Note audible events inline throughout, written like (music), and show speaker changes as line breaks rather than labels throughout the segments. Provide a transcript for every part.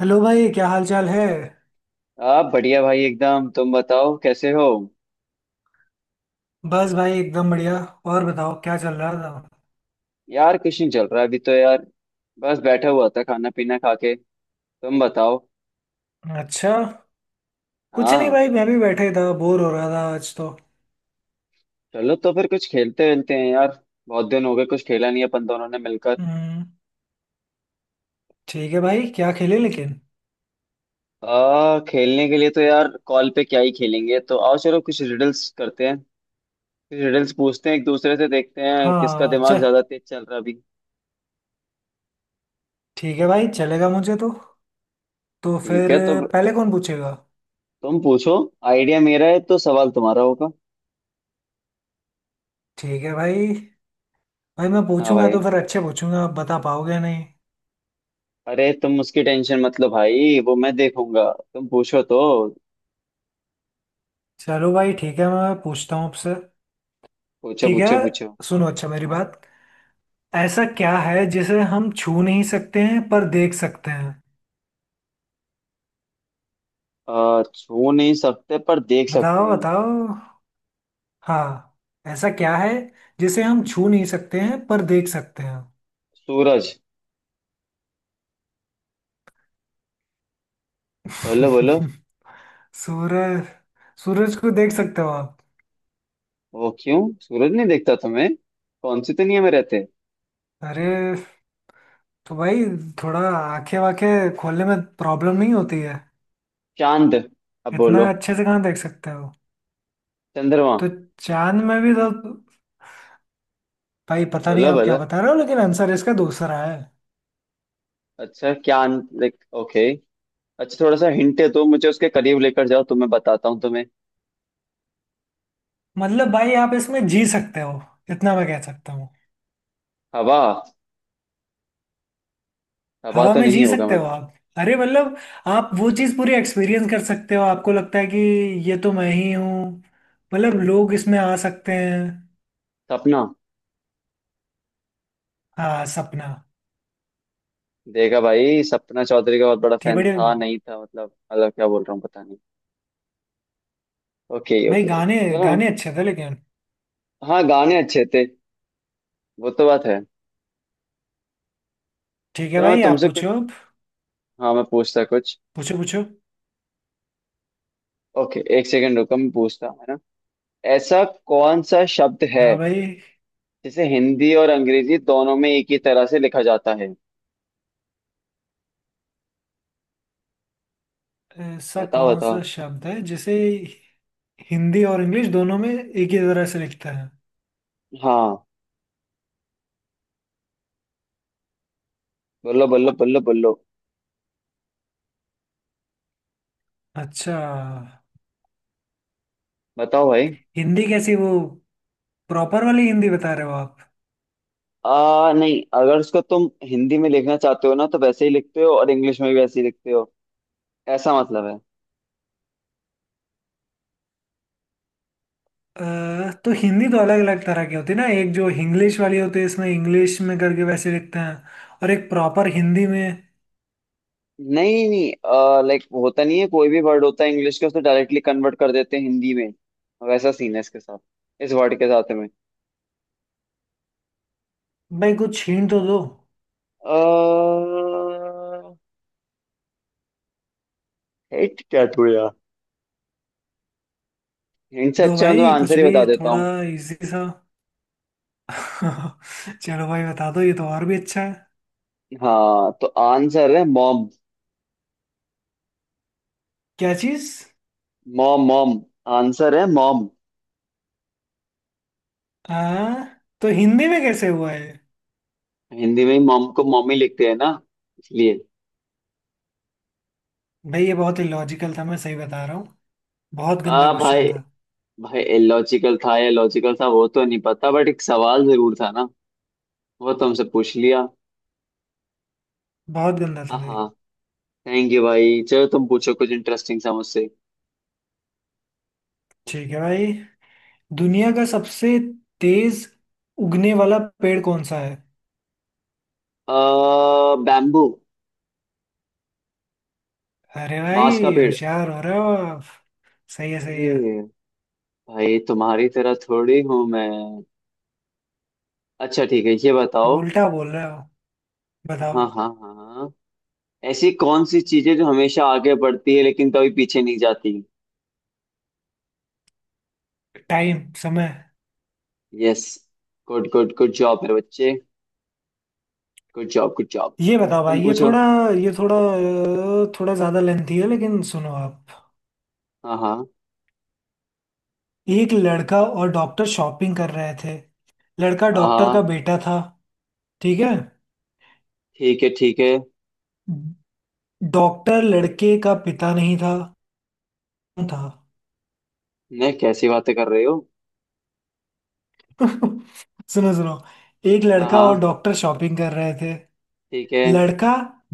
Hello भाई, क्या हाल चाल है?
आप बढ़िया भाई एकदम। तुम बताओ कैसे हो।
बस भाई एकदम बढ़िया। और बताओ क्या चल रहा था।
यार कुछ नहीं चल रहा अभी तो यार। बस बैठा हुआ था खाना पीना खा के। तुम बताओ।
अच्छा। कुछ नहीं
हाँ।
भाई, मैं भी बैठे ही था, बोर हो रहा था आज तो।
चलो तो फिर कुछ खेलते वेलते हैं यार। बहुत दिन हो गए कुछ खेला नहीं अपन दोनों ने मिलकर।
हम्म। ठीक है भाई, क्या खेले लेकिन।
आ खेलने के लिए तो यार कॉल पे क्या ही खेलेंगे, तो आओ चलो कुछ रिडल्स करते हैं। कुछ रिडल्स पूछते हैं एक दूसरे से, देखते हैं किसका
हाँ
दिमाग
चल।
ज्यादा तेज चल रहा अभी।
ठीक है भाई, चलेगा मुझे तो। तो
ठीक
फिर
है तो।
पहले कौन पूछेगा?
तुम पूछो। आइडिया मेरा है तो सवाल तुम्हारा होगा।
ठीक है भाई। भाई मैं
हाँ
पूछूंगा तो
भाई।
फिर अच्छे पूछूंगा, आप बता पाओगे नहीं।
अरे तुम उसकी टेंशन मत लो भाई, वो मैं देखूंगा। तुम पूछो तो।
चलो भाई, ठीक है, मैं पूछता हूँ आपसे।
पूछो
ठीक है।
पूछो पूछो।
सुनो अच्छा मेरी
हाँ।
बात। ऐसा क्या है जिसे हम छू नहीं सकते हैं पर देख सकते हैं?
छू नहीं सकते पर देख सकते
बताओ
हैं।
बताओ। हाँ। ऐसा क्या है जिसे हम छू नहीं सकते हैं पर देख सकते हैं?
सूरज। बोलो बोलो।
(laughs) सूरज। सूरज को देख सकते हो आप?
वो क्यों सूरज नहीं देखता तुम्हें? कौन सी दुनिया में रहते?
अरे तो भाई थोड़ा आंखें वाखें खोलने में प्रॉब्लम नहीं होती है?
चांद। अब बोलो।
इतना अच्छे से कहाँ देख सकते हो।
चंद्रमा।
तो चांद में भी तो। भाई पता नहीं
बोलो
आप क्या
बोलो।
बता रहे हो, लेकिन आंसर इसका दूसरा है।
अच्छा, क्या लाइक? ओके। अच्छा, थोड़ा सा हिंट दो मुझे, उसके करीब लेकर जाओ तो मैं बताता हूँ तुम्हें।
मतलब भाई आप इसमें जी सकते हो। इतना मैं कह सकता हूँ।
हवा। हवा
हवा
तो
में
नहीं
जी
होगा
सकते हो
मतलब।
आप? अरे मतलब आप वो चीज़ पूरी एक्सपीरियंस कर सकते हो, आपको लगता है कि ये तो मैं ही हूँ। मतलब लोग इसमें आ सकते हैं।
सपना।
हाँ, सपना।
देखा भाई, सपना चौधरी का बहुत बड़ा
थे
फैन
बड़े।
था, नहीं था मतलब क्या बोल रहा हूँ पता नहीं। ओके
भाई
ओके ओके।
गाने,
चलो।
गाने अच्छे थे लेकिन।
हाँ गाने अच्छे थे। वो तो बात है।
ठीक है
चलो मैं
भाई आप
तुमसे कुछ,
पूछो।
हाँ मैं पूछता कुछ।
पूछो पूछो।
ओके, एक सेकंड रुको, मैं पूछता हूँ, है ना। ऐसा कौन सा शब्द है
हाँ भाई।
जिसे हिंदी और अंग्रेजी दोनों में एक ही तरह से लिखा जाता है?
ऐसा
बताओ
कौन सा
बताओ।
शब्द है जिसे हिंदी और इंग्लिश दोनों में एक ही तरह से लिखते हैं?
हाँ। बोलो बोलो बोलो बोलो।
अच्छा,
बताओ भाई।
हिंदी कैसी वो? प्रॉपर वाली हिंदी बता रहे हो आप?
आ नहीं, अगर उसको तुम हिंदी में लिखना चाहते हो ना तो वैसे ही लिखते हो, और इंग्लिश में भी वैसे ही लिखते हो, ऐसा मतलब है।
अ, तो हिंदी तो अलग अलग तरह की होती है ना, एक जो इंग्लिश वाली होती है इसमें इंग्लिश में करके वैसे लिखते हैं, और एक प्रॉपर हिंदी में।
नहीं नहीं, लाइक होता नहीं है, कोई भी वर्ड होता है इंग्लिश का उसे डायरेक्टली कन्वर्ट कर देते हैं हिंदी में। वैसा सीन है इसके साथ, इस वर्ड के साथ में।
भाई कुछ हिंट तो दो।
अह हिट क्या तू यार। इनसे
दो
अच्छा मैं तो
भाई कुछ
आंसर ही
भी,
बता देता
थोड़ा
हूँ।
इजी सा। (laughs) चलो भाई बता दो, ये तो और भी अच्छा है।
हाँ, तो आंसर है मॉम।
क्या चीज?
Mom mom. आंसर है मॉम।
आ तो हिंदी में कैसे हुआ है?
हिंदी में ही मॉम को मॉमी लिखते हैं ना, इसलिए।
भाई ये बहुत ही लॉजिकल था, मैं सही बता रहा हूँ। बहुत गंदा
हाँ
क्वेश्चन
भाई।
था।
भाई लॉजिकल था या लॉजिकल था वो तो नहीं पता, बट एक सवाल जरूर था ना, वो तुमसे पूछ लिया।
बहुत गंदा था भाई।
हाँ। थैंक यू भाई, चलो तुम पूछो कुछ इंटरेस्टिंग सा मुझसे।
ठीक है भाई। दुनिया का सबसे तेज उगने वाला पेड़ कौन सा है?
अः बैम्बू।
अरे
बांस का
भाई
पेड़।
होशियार हो रहे हो आप। सही है सही है।
अरे भाई, तुम्हारी तरह थोड़ी हूं मैं। अच्छा ठीक है, ये
अब
बताओ।
उल्टा बोल रहे हो। बताओ।
हाँ हाँ हाँ। ऐसी कौन सी चीजें जो हमेशा आगे बढ़ती है लेकिन कभी पीछे नहीं जाती?
टाइम, समय।
Yes. Good good good job मेरे बच्चे। Good job good job.
ये बताओ
तुम
भाई, ये
पूछो।
थोड़ा, ये थोड़ा थोड़ा ज्यादा लेंथी है, लेकिन सुनो आप।
हाँ हाँ
एक लड़का और डॉक्टर शॉपिंग कर रहे थे। लड़का
हाँ
डॉक्टर का
हाँ।
बेटा था। ठीक है।
ठीक है ठीक है।
डॉक्टर लड़के का पिता नहीं था। कौन था?
नहीं, कैसी बातें कर रहे हो?
सुनो सुनो। एक
हाँ
लड़का और
हाँ,
डॉक्टर शॉपिंग कर रहे थे।
ठीक है।
लड़का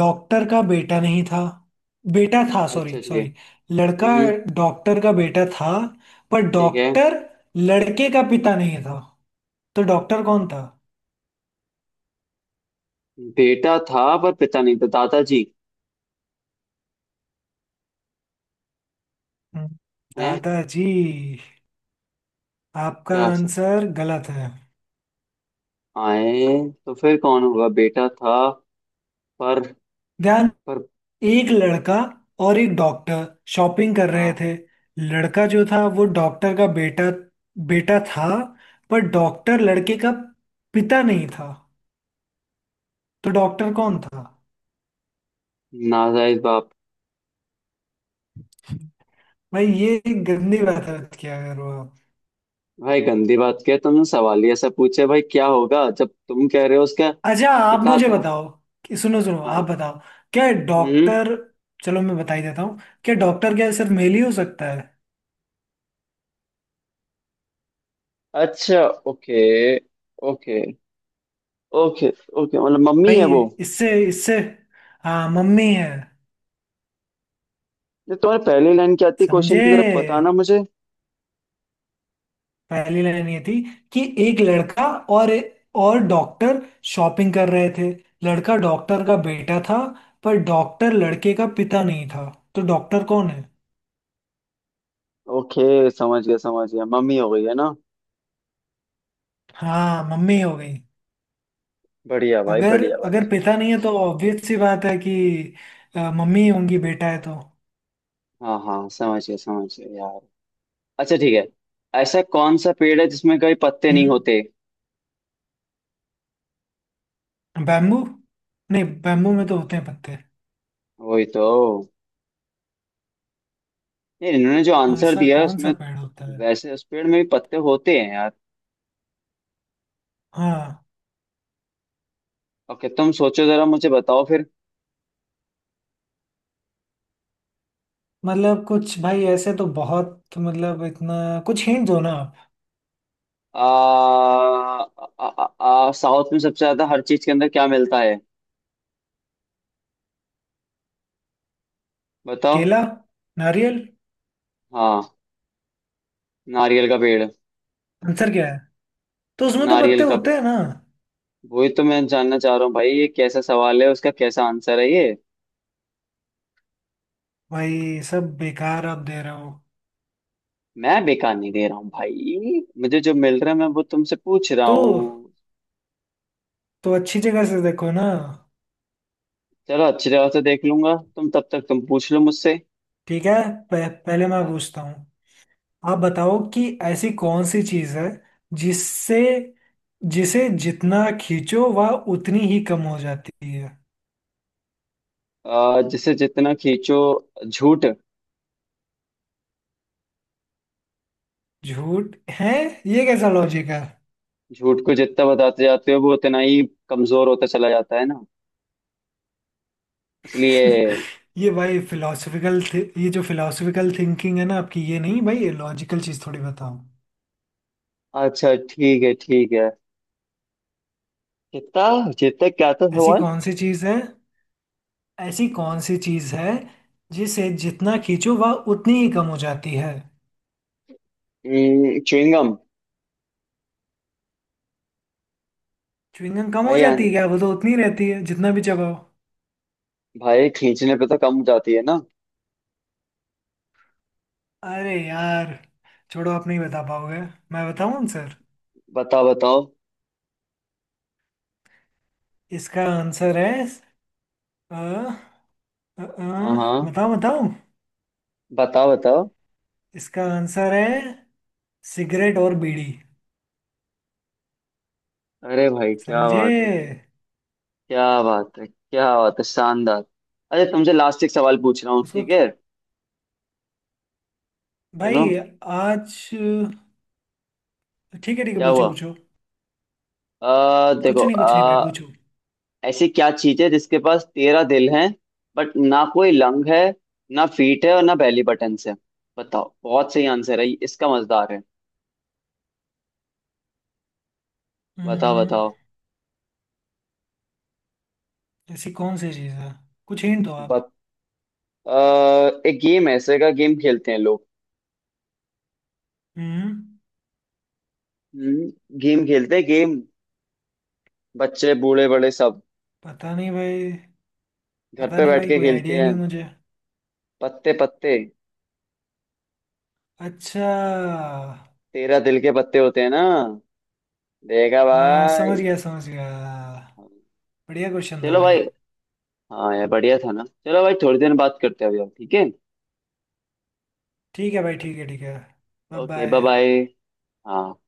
डॉक्टर का बेटा नहीं था, बेटा था, सॉरी
अच्छा ठीक है।
सॉरी। लड़का
हम्म।
डॉक्टर का बेटा था, पर
ठीक है।
डॉक्टर लड़के का पिता नहीं था। तो डॉक्टर कौन था?
बेटा था पर पिता नहीं था, दादाजी।
हम्म।
हैं?
दादाजी? आपका
क्या सर?
आंसर गलत है।
आए? तो फिर कौन होगा बेटा था, पर।
ध्यान।
पर।
एक लड़का और एक डॉक्टर शॉपिंग कर रहे
हाँ।
थे। लड़का जो था वो डॉक्टर का बेटा, बेटा था, पर डॉक्टर लड़के का पिता नहीं था। तो डॉक्टर कौन था?
नाजायज बाप।
भाई ये एक गंदी बात है, क्या करो आप।
भाई गंदी बात किया तुमने, सवाल ही ऐसा पूछे भाई, क्या होगा जब तुम कह रहे हो उसका
अच्छा आप
पिता
मुझे
था।
बताओ कि, सुनो सुनो, आप
हाँ।
बताओ। क्या
हम्म।
डॉक्टर। चलो मैं बता ही देता हूँ। क्या डॉक्टर क्या सिर्फ मेल ही हो सकता है?
अच्छा। ओके ओके ओके ओके मतलब मम्मी है
भाई
वो।
इससे इससे, हाँ मम्मी है।
ये तुम्हारे पहली लाइन क्या थी क्वेश्चन
समझे?
की तरफ बताना मुझे।
पहली लाइन ये थी कि एक लड़का और और डॉक्टर शॉपिंग कर रहे थे। लड़का डॉक्टर का बेटा था, पर डॉक्टर लड़के का पिता नहीं था। तो डॉक्टर कौन है?
ओके समझ गया समझ गया, मम्मी हो गई है ना।
हाँ मम्मी हो गई।
बढ़िया भाई
अगर
बढ़िया भाई।
अगर पिता नहीं है तो ऑब्वियस सी बात है कि मम्मी ही होंगी, बेटा है तो।
हाँ हाँ समझ गया यार। अच्छा ठीक है। ऐसा कौन सा पेड़ है जिसमें कभी पत्ते नहीं
हम्म,
होते?
बैम्बू। नहीं, बैम्बू में तो होते हैं पत्ते।
वही तो। नहीं, इन्होंने जो आंसर
ऐसा
दिया है
कौन
उसमें।
सा पेड़ होता है?
वैसे उस पेड़ में भी पत्ते होते हैं यार।
हाँ।
ओके, तुम सोचो जरा, मुझे बताओ फिर।
मतलब कुछ भाई ऐसे तो बहुत, मतलब इतना कुछ हिंट दो ना आप।
आ, आ, आ, आ, साउथ में सबसे ज्यादा हर चीज के अंदर क्या मिलता है? बताओ।
केला, नारियल।
हाँ। नारियल का पेड़।
आंसर क्या है? तो उसमें तो पत्ते
नारियल का
होते
पेड़।
हैं ना।
वही तो मैं जानना चाह रहा हूँ भाई, ये कैसा सवाल है उसका, कैसा आंसर है ये?
भाई सब बेकार आप दे रहे हो।
मैं बेकार नहीं दे रहा हूँ भाई, मुझे जो मिल रहा है मैं वो तुमसे पूछ रहा
तो
हूँ।
तो अच्छी जगह से देखो ना।
चलो अच्छी तरह से देख लूंगा, तुम तब तक तुम पूछ लो मुझसे।
ठीक है। पहले मैं
हाँ।
पूछता हूँ। आप बताओ कि ऐसी कौन सी चीज है जिससे जिसे जितना खींचो वह उतनी ही कम हो जाती है।
जिसे जितना खींचो। झूठ।
झूठ है? ये कैसा लॉजिक है?
झूठ को जितना बताते जाते हो वो उतना ही कमजोर होता चला जाता है ना, इसलिए।
ये भाई फिलोसफिकल, ये जो फिलोसफिकल थिंकिंग है ना आपकी, ये नहीं भाई, ये लॉजिकल चीज थोड़ी बताओ।
अच्छा ठीक है ठीक है। कितना जितना क्या था
ऐसी
सवाल?
कौन सी चीज है? ऐसी कौन सी चीज है जिसे जितना खींचो वह उतनी ही कम हो जाती है?
च्युइंगम।
च्युइंग गम कम हो
भाई
जाती
यार।
है क्या? वो तो उतनी ही रहती है जितना भी चबाओ।
भाई खींचने पे तो कम हो जाती है ना।
अरे यार छोड़ो, आप नहीं बता पाओगे। मैं बताऊं आंसर?
बताओ बताओ।
इसका आंसर है अ, अ, अ,
हाँ हाँ।
बताओ बताओ।
बताओ बताओ।
इसका आंसर है सिगरेट और बीड़ी।
अरे भाई क्या बात है।
समझे?
क्या बात है क्या बात है शानदार। अरे तुमसे लास्ट एक सवाल पूछ रहा हूँ,
उसको
ठीक
कि-
है। सुनो।
भाई आज, ठीक है ठीक है,
क्या
पूछो
हुआ?
पूछो।
देखो।
कुछ नहीं भाई, पूछो।
ऐसी क्या चीज है जिसके पास 13 दिल हैं, बट ना कोई लंग है, ना फीट है, और ना बेली बटन है? बताओ, बहुत सही आंसर है इसका, मजेदार है। बताओ
हम्म,
बताओ।
ऐसी कौन सी चीज है? कुछ हिंट दो आप।
बत, आ, एक गेम है, ऐसे का गेम खेलते हैं लोग।
हम्म।
हम्म। गेम खेलते हैं गेम। बच्चे बूढ़े बड़े सब।
पता नहीं भाई।
घर
पता
पे
नहीं
बैठ
भाई,
के
कोई
खेलते
आइडिया ही
हैं।
नहीं मुझे।
पत्ते पत्ते।
अच्छा।
13 दिल के पत्ते होते हैं ना। देखा
हाँ समझ
भाई।
गया समझ गया। बढ़िया क्वेश्चन था
चलो
भाई।
भाई। हाँ यार बढ़िया था ना, चलो भाई थोड़ी देर बात करते हैं अभी हम, ठीक है।
ठीक है भाई, ठीक है ठीक है। Bye
okay bye
bye.
Bye. हाँ।